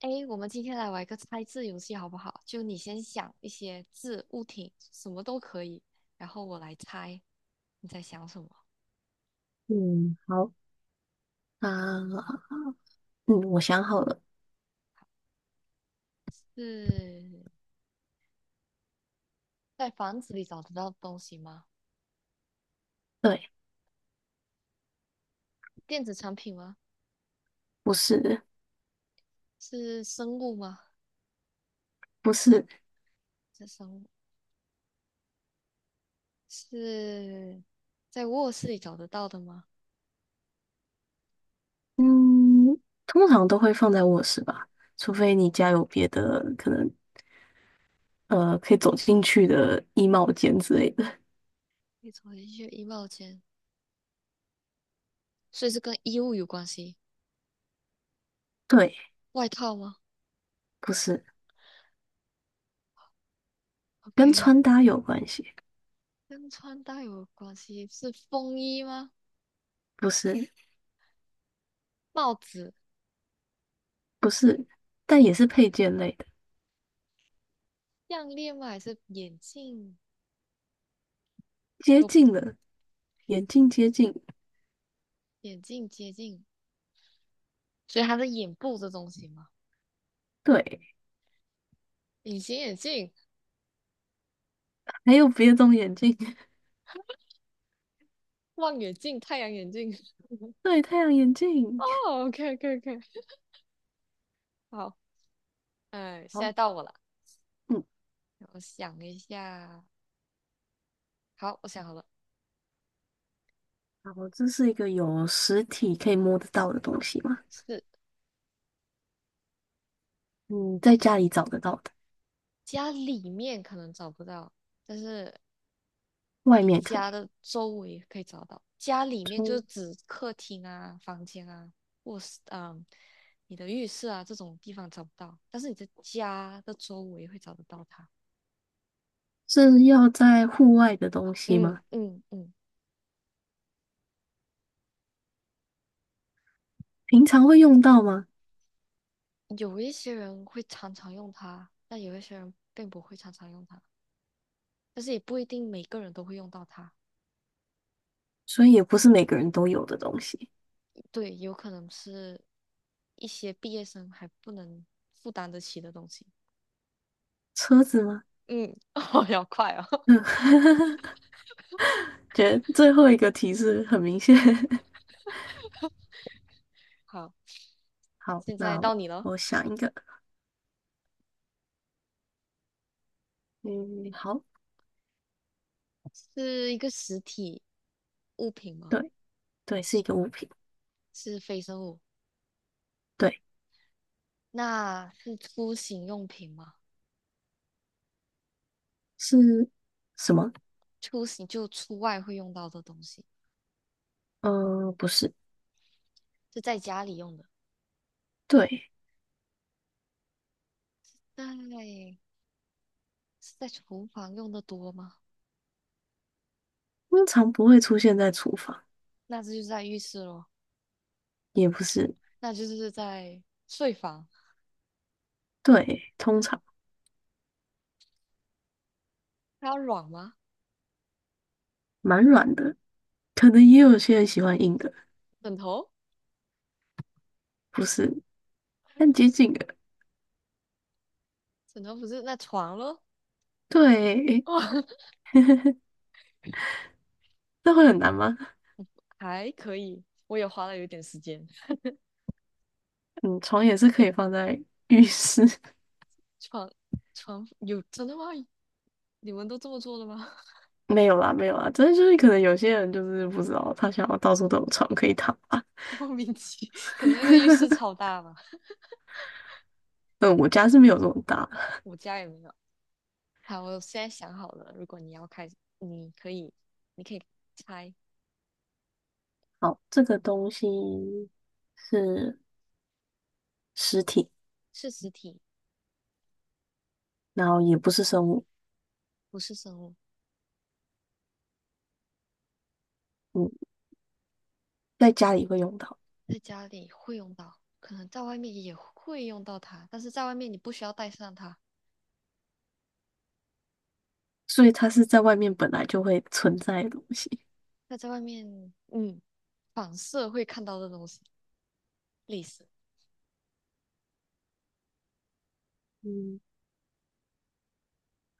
诶，我们今天来玩一个猜字游戏，好不好？就你先想一些字、物品，什么都可以，然后我来猜你在想什么。嗯，好啊，嗯，我想好了。是在房子里找得到的东西吗？对。电子产品吗？不是。是生物吗？不是。是生物？是在卧室里找得到的吗？嗯，通常都会放在卧室吧，除非你家有别的可能，可以走进去的衣帽间之类的。可以走进去衣帽间，所以是跟衣物有关系。对。外套吗不是。跟？OK，穿搭有关系。跟穿搭有关系，是风衣吗？不是。帽子。不是，但也是配件类的。项链吗？还是眼镜？接哦，近了，眼镜接近。眼镜接近，所以它是眼部这东西吗？对，隐形眼镜、还有别种眼镜。望远镜、太阳眼镜。对，太阳眼哦镜。，OK，OK，OK，好，嗯，现好。在到我了，嗯，我想一下，好，我想好了，好，这是一个有实体可以摸得到的东西吗？是嗯，在家里找得到的，家里面可能找不到，但是外你面可家以。的周围可以找到，家里面就是中指客厅啊、房间啊，卧室啊、你的浴室啊这种地方找不到，但是你的家的周围会找得到它。是要在户外的东西嗯吗？嗯嗯，平常会用到吗？有一些人会常常用它，但有一些人并不会常常用它，但是也不一定每个人都会用到它。所以也不是每个人都有的东西。对，有可能是一些毕业生还不能负担得起的东西。车子吗？嗯，哦，要快哦。嗯，觉得最后一个提示很明显。好，好，现在那到我你了。想一个。嗯，好。是一个实体物品吗？对对，是一个物品。是非生物？对。那是出行用品吗？是什么？出行就出外会用到的东西，嗯、不是。是在家里用的。对，那是在厨房用的多吗？通常不会出现在厨房。那这就是在浴室咯，也不是。那就是在睡房。对，通常它要软吗？蛮软的，可能也有些人喜欢硬的。枕头？不是，但接嗯近的。枕头不是那床咯？对。诶，哦，那会很难吗？还可以，我也花了有点时间。嗯，床也是可以放在浴室。床床有真的吗？你们都这么做的吗？没有啦，没有啦，真的就是可能有些人就是不知道，他想要到处都有床可以躺吧。莫名其，可能那个浴室 超大吧，嗯，我家是没有这么大。我家也没有。好，我现在想好了，如果你要开，你可以，你可以猜好，这个东西是实体，是实体，然后也不是生物。不是生物，嗯，在家里会用到，在家里会用到，可能在外面也会用到它，但是在外面你不需要带上它，所以它是在外面本来就会存在的东西。那在外面，嗯，反射会看到的东西，历史，嗯，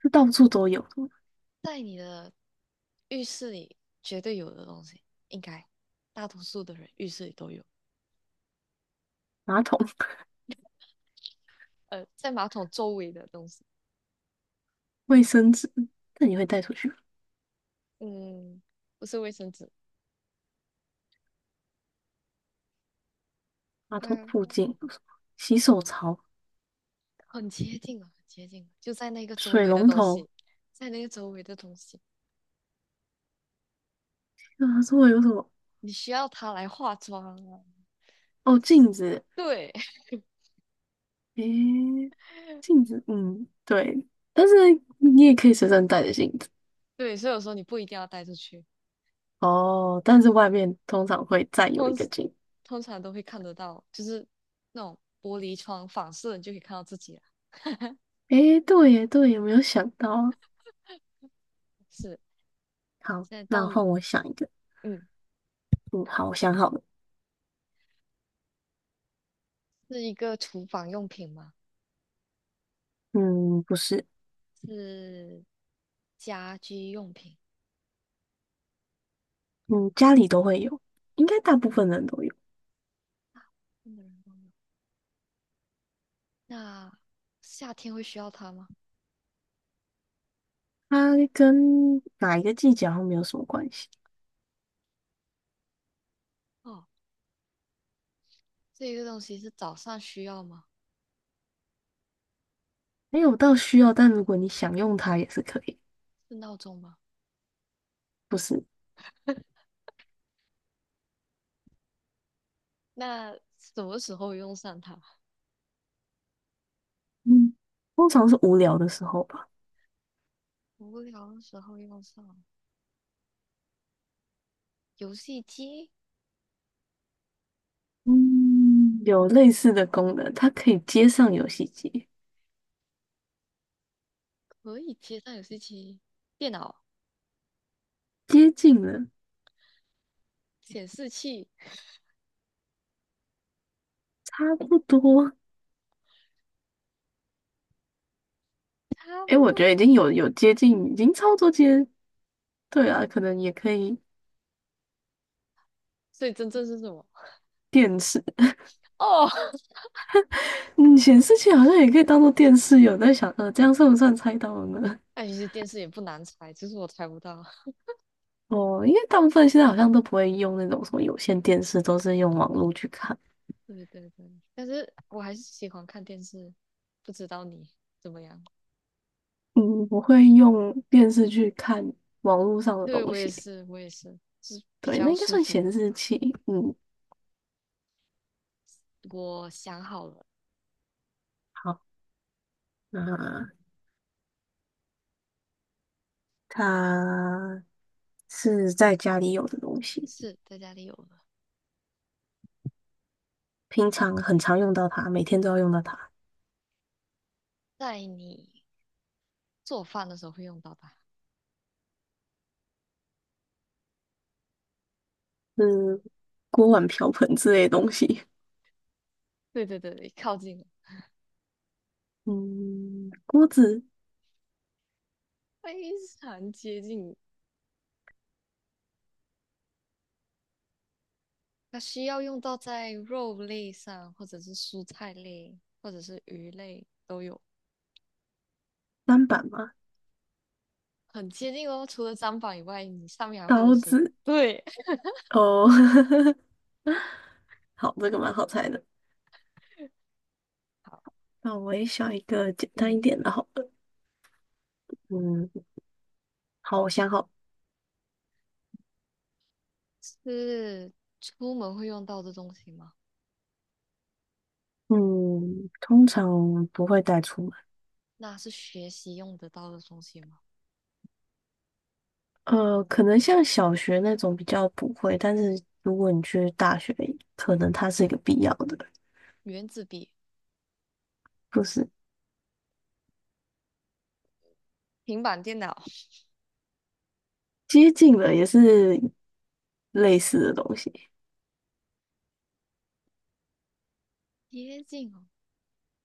是到处都有的。在你的浴室里绝对有的东西，应该大多数的人浴室里都有，马桶、在马桶周围的东西，卫生纸，那你会带出去吗？嗯，不是卫生纸。马桶附嗯，近有什么？洗手槽、很接近了，很接近了，就在那个周水围的龙东头，西，在那个周围的东西，啊，这会有什么？你需要它来化妆啊。哦，镜子。对 诶，镜子，嗯，对，但是你也可以随身带着镜子。对，所以我说你不一定要带出去，哦，但是外面通常会再有一通个镜。通常都会看得到，就是那种玻璃窗反射，你就可以看到自己了。诶，对耶，对耶，没有想到。是，好，现在到那你，换我想一个。嗯，嗯，好，我想好了。是一个厨房用品吗？嗯，不是。是家居用品。嗯，家里都会有，应该大部分人都有。嗯那夏天会需要它吗？它跟哪一个季节好像没有什么关系。哦，这个东西是早上需要吗？没有到需要，但如果你想用它也是可以。是闹钟吗？不是。那什么时候用上它？嗯，通常是无聊的时候吧。无聊的时候用上。游戏机嗯，有类似的功能，它可以接上游戏机。可以接上游戏机，电脑接近了。显示器 差不多。差诶，不我觉得多。已经有接近，已经操作接，对啊，可能也可以。所以真正是什么？电视。哦，嗯，显示器好像也可以当做电视有在想，这样算不算猜到了呢？那其实电视也不难猜，只是我猜不到。哦，因为大部分现在好像都不会用那种什么有线电视，都是用网络去看。对对对，但是我还是喜欢看电视，不知道你怎么样？嗯，不会用电视去看网络上的对，东我也西。是，我也是，就是比对，那较应该舒算服。显示器。嗯，我想好了，好，那它是在家里有的东西，是在家里有了，平常很常用到它，每天都要用到它。在你做饭的时候会用到它。嗯，锅碗瓢盆之类的东西。对对对对，靠近了，嗯，锅子、非常接近。它需要用到在肉类上，或者是蔬菜类，或者是鱼类都有，砧板吗？很接近哦。除了砧板以外，你上面还会有刀什么？子对，哦。好，这个蛮好猜的。好，那我也想一个简单嗯，一点的，好了。嗯，好，我想好。是出门会用到的东西吗？嗯，通常不会带出门。那是学习用得到的东西吗？可能像小学那种比较不会，但是如果你去大学，可能它是一个必要的。原子笔、不是，平板电脑，接近了，也是类似的东西。接近哦。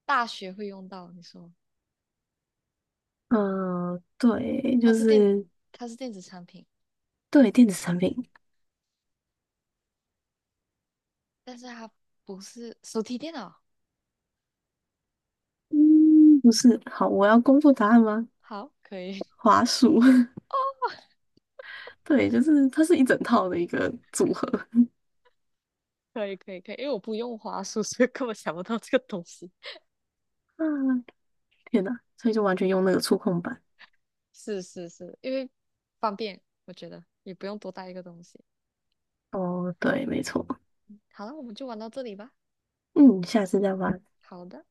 大学会用到，你说嗯、对，它就是电，是它是电子产品，对电子产品。但是它不是手提电脑。嗯，不是。好，我要公布答案吗？好，可以。华数。哦，对，就是它是一整套的一个组合。可以可以可以，因为我不用滑鼠，所以根本想不到这个东西。啊，天哪，所以就完全用那个触控板。是是是，因为方便，我觉得也不用多带一个东西。哦，对，没错。好了，我们就玩到这里吧。嗯，下次再玩。好的。